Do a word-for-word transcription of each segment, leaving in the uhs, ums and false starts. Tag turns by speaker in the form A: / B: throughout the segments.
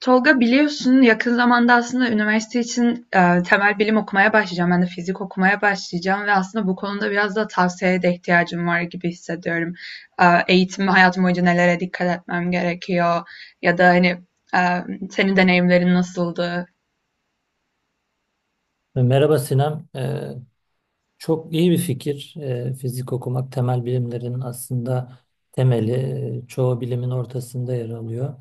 A: Tolga biliyorsun yakın zamanda aslında üniversite için eee, temel bilim okumaya başlayacağım. Ben de fizik okumaya başlayacağım ve aslında bu konuda biraz da tavsiyeye de ihtiyacım var gibi hissediyorum. Eee, eğitim hayatım boyunca nelere dikkat etmem gerekiyor ya da hani eee, senin deneyimlerin nasıldı?
B: Merhaba Sinem. Ee, çok iyi bir fikir. Ee, fizik okumak temel bilimlerin aslında temeli. Ee, Çoğu bilimin ortasında yer alıyor.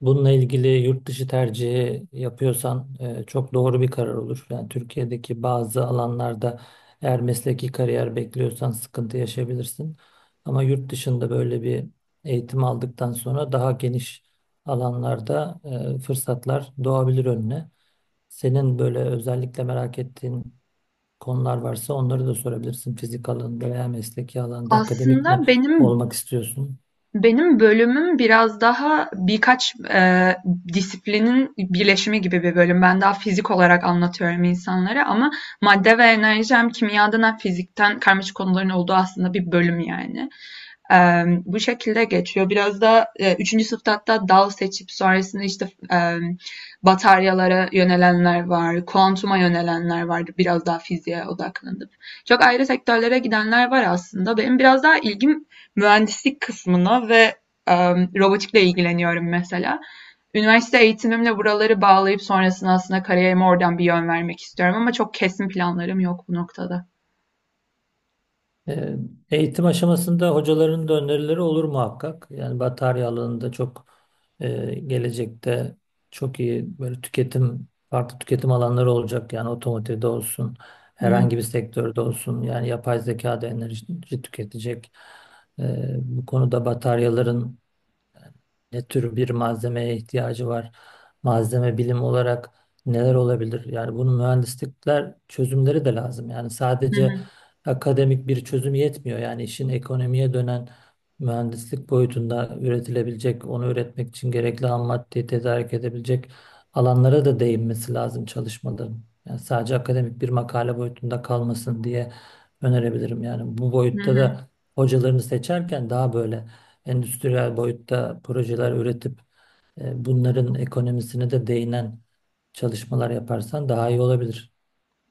B: Bununla ilgili yurt dışı tercihi yapıyorsan e, çok doğru bir karar olur. Yani Türkiye'deki bazı alanlarda eğer mesleki kariyer bekliyorsan sıkıntı yaşayabilirsin. Ama yurt dışında böyle bir eğitim aldıktan sonra daha geniş alanlarda e, fırsatlar doğabilir önüne. Senin böyle özellikle merak ettiğin konular varsa onları da sorabilirsin. Fizik alanında veya mesleki alanda akademik mi
A: Aslında benim
B: olmak istiyorsun?
A: Benim bölümüm biraz daha birkaç, eee, disiplinin birleşimi gibi bir bölüm. Ben daha fizik olarak anlatıyorum insanlara ama madde ve enerji hem kimyadan hem fizikten karmaşık konuların olduğu aslında bir bölüm yani. Emm, bu şekilde geçiyor. Biraz da, eee, üçüncü sınıfta hatta dal seçip sonrasında, işte, emm, bataryalara yönelenler var, kuantuma yönelenler vardı biraz daha fiziğe odaklanıp. Çok ayrı sektörlere gidenler var aslında. Benim biraz daha ilgim mühendislik kısmına ve, emm, robotikle ilgileniyorum mesela. Üniversite eğitimimle buraları bağlayıp sonrasında aslında kariyerime oradan bir yön vermek istiyorum ama çok kesin planlarım yok bu noktada.
B: Ee, Eğitim aşamasında hocaların da önerileri olur muhakkak. Yani batarya alanında çok e, gelecekte çok iyi böyle tüketim, farklı tüketim alanları olacak. Yani otomotivde olsun,
A: Hı hı.
B: herhangi bir sektörde olsun. Yani yapay zeka da enerji tüketecek. Ee, bu konuda bataryaların ne tür bir malzemeye ihtiyacı var, malzeme bilim olarak neler olabilir? Yani bunun mühendislikler çözümleri de lazım. Yani
A: Hı
B: sadece
A: hı.
B: akademik bir çözüm yetmiyor. Yani işin ekonomiye dönen mühendislik boyutunda üretilebilecek, onu üretmek için gerekli ham maddeyi tedarik edebilecek alanlara da değinmesi lazım çalışmaların. Yani sadece akademik bir makale boyutunda kalmasın diye önerebilirim. Yani bu
A: Hı
B: boyutta
A: hı.
B: da hocalarını seçerken daha böyle endüstriyel boyutta projeler üretip e, bunların ekonomisine de değinen çalışmalar yaparsan daha iyi olabilir.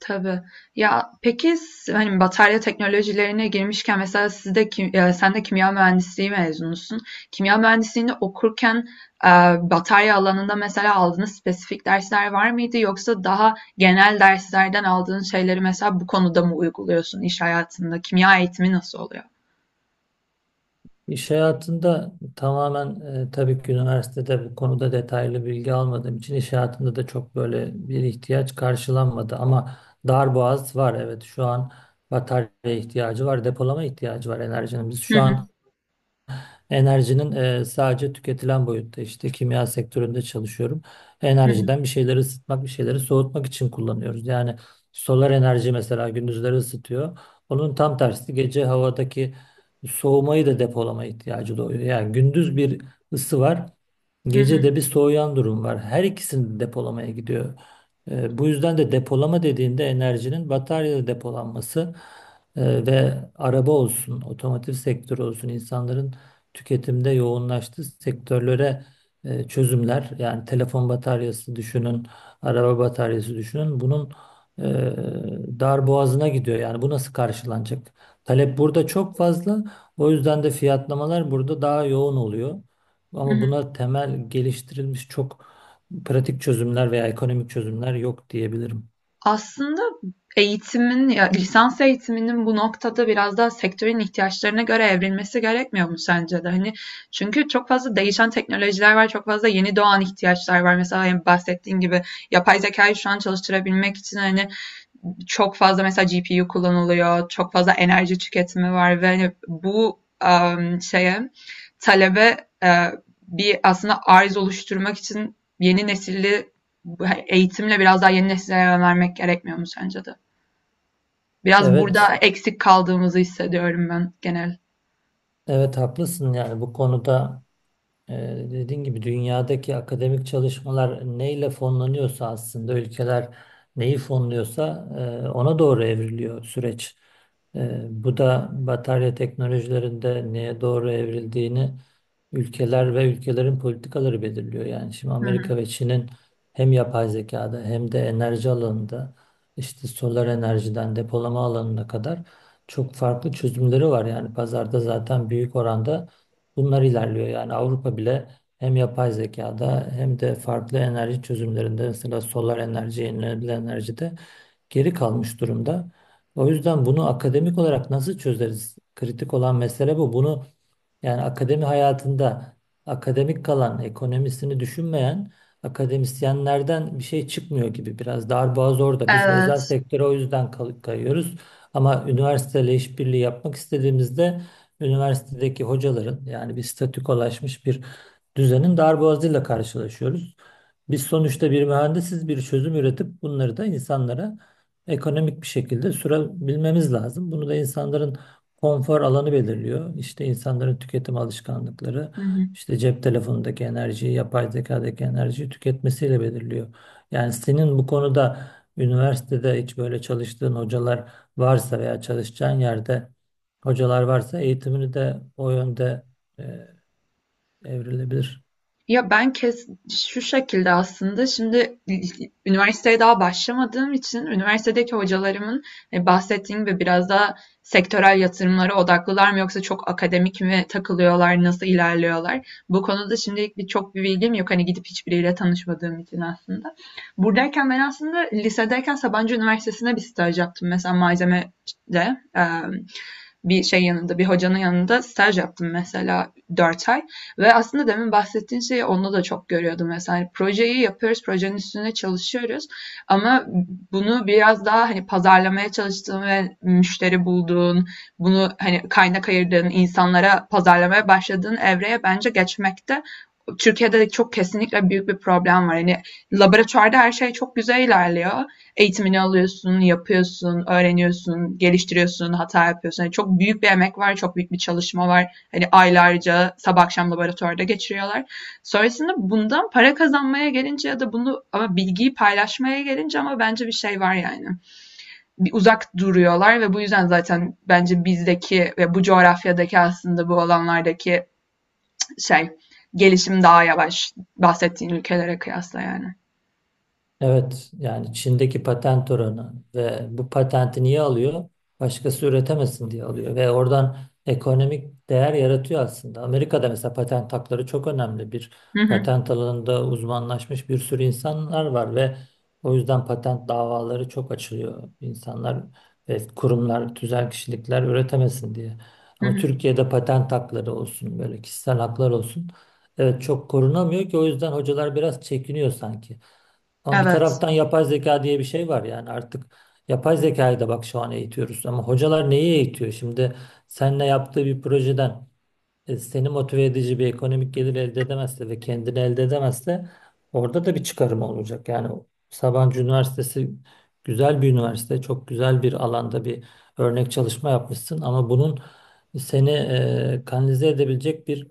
A: Tabii. Ya, peki s hani, batarya teknolojilerine girmişken mesela siz de kim eee, sen de kimya mühendisliği mezunusun. Kimya mühendisliğini okurken, eee, batarya alanında mesela aldığınız spesifik dersler var mıydı? Yoksa daha genel derslerden aldığın şeyleri mesela bu konuda mı uyguluyorsun iş hayatında? Kimya eğitimi nasıl oluyor?
B: İş hayatında tamamen e, tabii ki üniversitede bu konuda detaylı bilgi almadığım için iş hayatında da çok böyle bir ihtiyaç karşılanmadı ama darboğaz var, evet şu an batarya ihtiyacı var, depolama ihtiyacı var enerjinin. Biz şu an enerjinin e, sadece tüketilen boyutta işte kimya sektöründe çalışıyorum.
A: Hı hı.
B: Enerjiden bir şeyleri ısıtmak, bir şeyleri soğutmak için kullanıyoruz. Yani solar enerji mesela gündüzleri ısıtıyor. Onun tam tersi gece havadaki soğumayı da depolama ihtiyacı doğuyor. Yani gündüz bir ısı var.
A: Hı hı.
B: Gecede bir soğuyan durum var. Her ikisini de depolamaya gidiyor. E, bu yüzden de depolama dediğinde enerjinin bataryada depolanması e, ve araba olsun, otomotiv sektörü olsun, insanların tüketimde yoğunlaştığı sektörlere e, çözümler, yani telefon bataryası düşünün, araba bataryası düşünün, bunun e, dar boğazına gidiyor. Yani bu nasıl karşılanacak? Talep burada çok fazla. O yüzden de fiyatlamalar burada daha yoğun oluyor.
A: Hı
B: Ama
A: hı.
B: buna temel geliştirilmiş çok pratik çözümler veya ekonomik çözümler yok diyebilirim.
A: Aslında eğitimin, ya lisans eğitiminin bu noktada biraz daha sektörün ihtiyaçlarına göre evrilmesi gerekmiyor mu sence de? Hani çünkü çok fazla değişen teknolojiler var, çok fazla yeni doğan ihtiyaçlar var. Mesela hani bahsettiğin gibi yapay zekayı şu an çalıştırabilmek için hani çok fazla mesela G P U kullanılıyor, çok fazla enerji tüketimi var ve hani bu em, şeye talebe e, bir aslında arz oluşturmak için yeni nesilli eğitimle biraz daha yeni nesillere yönelmek gerekmiyor mu sence de? Biraz
B: Evet,
A: burada eksik kaldığımızı hissediyorum ben genel.
B: evet haklısın yani bu konuda Ee, dediğin gibi dünyadaki akademik çalışmalar neyle fonlanıyorsa aslında ülkeler neyi fonluyorsa e, ona doğru evriliyor süreç. E, bu da batarya teknolojilerinde neye doğru evrildiğini ülkeler ve ülkelerin politikaları belirliyor. Yani şimdi
A: Hı hı.
B: Amerika ve Çin'in hem yapay zekada hem de enerji alanında işte solar enerjiden depolama alanına kadar çok farklı çözümleri var. Yani pazarda zaten büyük oranda bunlar ilerliyor. Yani Avrupa bile hem yapay zekada hem de farklı enerji çözümlerinde mesela solar enerji, yenilenebilir enerjide geri kalmış durumda. O yüzden bunu akademik olarak nasıl çözeriz? Kritik olan mesele bu. Bunu yani akademi hayatında akademik kalan, ekonomisini düşünmeyen akademisyenlerden bir şey çıkmıyor gibi, biraz darboğaz orada. Biz özel
A: Evet.
B: sektöre o yüzden kay- kayıyoruz. Ama üniversiteyle işbirliği yapmak istediğimizde üniversitedeki hocaların yani bir statükolaşmış bir düzenin darboğazıyla karşılaşıyoruz. Biz sonuçta bir mühendisiz, bir çözüm üretip bunları da insanlara ekonomik bir şekilde sürebilmemiz lazım. Bunu da insanların konfor alanı belirliyor. İşte insanların tüketim alışkanlıkları,
A: Hı hı.
B: işte cep telefonundaki enerjiyi, yapay zekadaki enerjiyi tüketmesiyle belirliyor. Yani senin bu konuda üniversitede hiç böyle çalıştığın hocalar varsa veya çalışacağın yerde hocalar varsa eğitimini de o yönde e, evrilebilir.
A: Ya ben kes Şu şekilde aslında şimdi üniversiteye daha başlamadığım için üniversitedeki hocalarımın e, bahsettiğim gibi biraz daha sektörel yatırımlara odaklılar mı yoksa çok akademik mi takılıyorlar, nasıl ilerliyorlar? Bu konuda şimdilik bir çok bir bilgim yok. Hani gidip hiçbiriyle tanışmadığım için aslında. Buradayken ben aslında lisedeyken Sabancı Üniversitesi'ne bir staj yaptım. Mesela malzemede e, bir şey yanında, bir hocanın yanında staj yaptım mesela dört ay. Ve aslında demin bahsettiğin şeyi onda da çok görüyordum. Mesela hani projeyi yapıyoruz, projenin üstüne çalışıyoruz. Ama bunu biraz daha hani pazarlamaya çalıştığın ve müşteri bulduğun, bunu hani kaynak ayırdığın, insanlara pazarlamaya başladığın evreye bence geçmekte Türkiye'de de çok kesinlikle büyük bir problem var. Yani laboratuvarda her şey çok güzel ilerliyor. Eğitimini alıyorsun, yapıyorsun, öğreniyorsun, geliştiriyorsun, hata yapıyorsun. Yani çok büyük bir emek var, çok büyük bir çalışma var. Hani aylarca sabah akşam laboratuvarda geçiriyorlar. Sonrasında bundan para kazanmaya gelince ya da bunu ama bilgiyi paylaşmaya gelince ama bence bir şey var yani. Bir uzak duruyorlar ve bu yüzden zaten bence bizdeki ve bu coğrafyadaki aslında bu alanlardaki şey gelişim daha yavaş bahsettiğin ülkelere kıyasla yani.
B: Evet, yani Çin'deki patent oranı ve bu patenti niye alıyor? Başkası üretemesin diye alıyor ve oradan ekonomik değer yaratıyor aslında. Amerika'da mesela patent hakları çok önemli. Bir
A: Hı hı,
B: patent alanında uzmanlaşmış bir sürü insanlar var ve o yüzden patent davaları çok açılıyor. İnsanlar ve kurumlar, tüzel kişilikler üretemesin diye.
A: hı
B: Ama
A: hı.
B: Türkiye'de patent hakları olsun, böyle kişisel haklar olsun. Evet, çok korunamıyor ki o yüzden hocalar biraz çekiniyor sanki. Ama bir
A: Evet.
B: taraftan yapay zeka diye bir şey var yani artık yapay zekayı da bak şu an eğitiyoruz ama hocalar neyi eğitiyor? Şimdi seninle yaptığı bir projeden e, seni motive edici bir ekonomik gelir elde edemezse ve kendini elde edemezse orada da bir çıkarım olacak. Yani Sabancı Üniversitesi güzel bir üniversite, çok güzel bir alanda bir örnek çalışma yapmışsın ama bunun seni e, kanalize edebilecek bir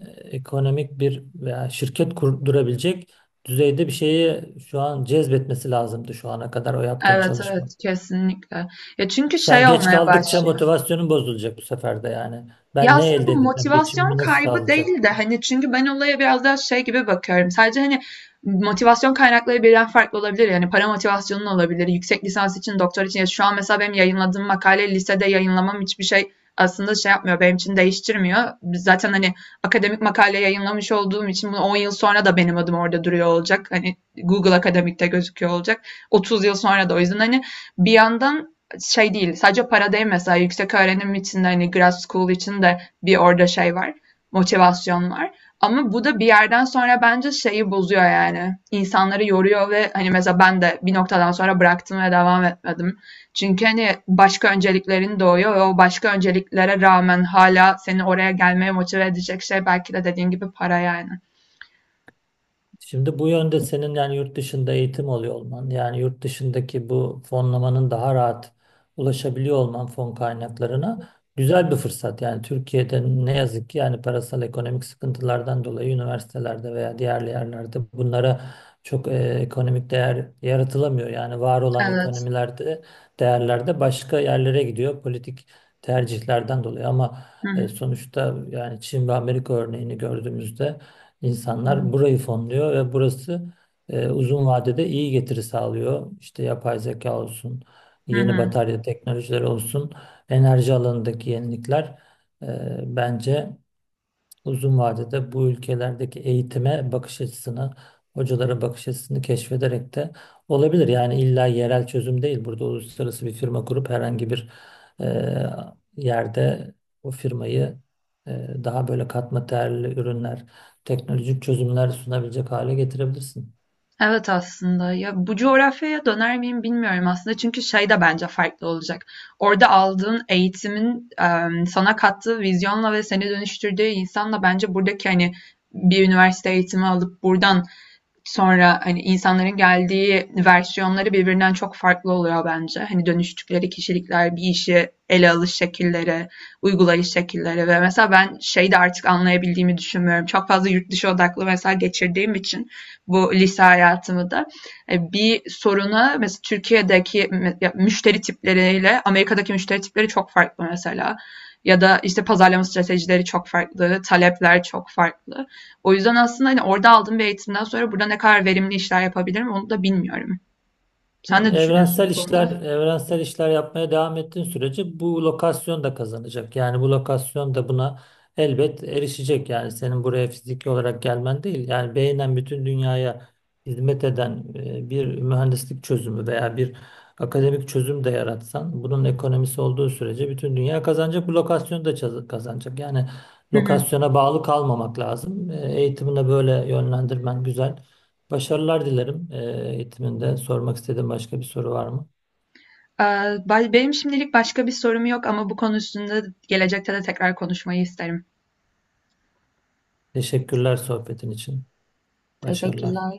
B: e, ekonomik bir veya şirket kurdurabilecek düzeyde bir şeyi şu an cezbetmesi lazımdı şu ana kadar o yaptığın
A: Evet
B: çalışma.
A: evet kesinlikle. Ya çünkü
B: Sen
A: şey
B: geç
A: olmaya
B: kaldıkça
A: başlıyor.
B: motivasyonun bozulacak bu sefer de yani.
A: Ya
B: Ben ne
A: aslında
B: elde
A: bu
B: edeceğim?
A: motivasyon
B: Geçimimi nasıl
A: kaybı
B: sağlayacak?
A: değil de hani çünkü ben olaya biraz daha şey gibi bakıyorum. Sadece hani motivasyon kaynakları birden farklı olabilir. Yani para motivasyonun olabilir. Yüksek lisans için, doktor için. Ya şu an mesela benim yayınladığım makale lisede yayınlamam hiçbir şey aslında şey yapmıyor. Benim için değiştirmiyor. Zaten hani akademik makale yayınlamış olduğum için bunu on yıl sonra da benim adım orada duruyor olacak. Hani Google Akademik'te gözüküyor olacak. otuz yıl sonra da o yüzden hani bir yandan şey değil. Sadece para değil mesela yüksek öğrenim için de hani grad school için de bir orada şey var. Motivasyon var. Ama bu da bir yerden sonra bence şeyi bozuyor yani. İnsanları yoruyor ve hani mesela ben de bir noktadan sonra bıraktım ve devam etmedim. Çünkü hani başka önceliklerin doğuyor ve o başka önceliklere rağmen hala seni oraya gelmeye motive edecek şey belki de dediğin gibi para yani.
B: Şimdi bu yönde senin yani yurt dışında eğitim oluyor olman, yani yurt dışındaki bu fonlamanın daha rahat ulaşabiliyor olman fon kaynaklarına güzel bir fırsat. Yani Türkiye'de ne yazık ki yani parasal ekonomik sıkıntılardan dolayı üniversitelerde veya diğer yerlerde bunlara çok e, ekonomik değer yaratılamıyor. Yani var olan
A: Evet.
B: ekonomilerde, değerlerde başka yerlere gidiyor politik tercihlerden dolayı ama
A: Hı
B: e,
A: hı.
B: sonuçta yani Çin ve Amerika örneğini gördüğümüzde İnsanlar burayı fonluyor ve burası e, uzun vadede iyi getiri sağlıyor. İşte yapay zeka olsun,
A: Hı
B: yeni
A: hı.
B: batarya teknolojileri olsun, enerji alanındaki yenilikler e, bence uzun vadede bu ülkelerdeki eğitime bakış açısını, hocalara bakış açısını keşfederek de olabilir. Yani illa yerel çözüm değil. Burada uluslararası bir firma kurup herhangi bir e, yerde o firmayı e, daha böyle katma değerli ürünler, teknolojik çözümler sunabilecek hale getirebilirsin.
A: Evet aslında. Ya bu coğrafyaya döner miyim bilmiyorum aslında. Çünkü şey de bence farklı olacak. Orada aldığın eğitimin em, sana kattığı vizyonla ve seni dönüştürdüğü insanla bence buradaki hani bir üniversite eğitimi alıp buradan sonra, hani, insanların geldiği versiyonları birbirinden çok farklı oluyor bence. Hani, dönüştükleri kişilikler, bir işi ele alış şekilleri, uygulayış şekilleri ve mesela ben şeyi de artık anlayabildiğimi düşünmüyorum. Çok fazla yurt dışı odaklı mesela geçirdiğim için bu lise hayatımı da, e, bir soruna mesela Türkiye'deki müşteri tipleriyle Amerika'daki müşteri tipleri çok farklı mesela ya da, işte, pazarlama stratejileri çok farklı, talepler çok farklı. O yüzden aslında hani orada aldığım bir eğitimden sonra burada ne kadar verimli işler yapabilirim onu da bilmiyorum. Sen
B: Yani
A: ne düşünüyorsun bu
B: evrensel işler,
A: konuda?
B: evrensel işler yapmaya devam ettiğin sürece bu lokasyon da kazanacak. Yani bu lokasyon da buna elbet erişecek. Yani senin buraya fiziki olarak gelmen değil. Yani beynen bütün dünyaya hizmet eden e, bir mühendislik çözümü veya bir akademik çözüm de yaratsan, bunun ekonomisi olduğu sürece bütün dünya kazanacak. Bu lokasyon da çaz- kazanacak. Yani
A: Hı hı.
B: lokasyona bağlı kalmamak lazım. E, Eğitimine böyle yönlendirmen güzel. Başarılar dilerim e, eğitiminde. Sormak istediğin başka bir soru var mı?
A: Ee, ba- Benim şimdilik başka bir sorum yok ama bu konu üstünde gelecekte de tekrar konuşmayı isterim.
B: Teşekkürler sohbetin için. Başarılar.
A: Teşekkürler.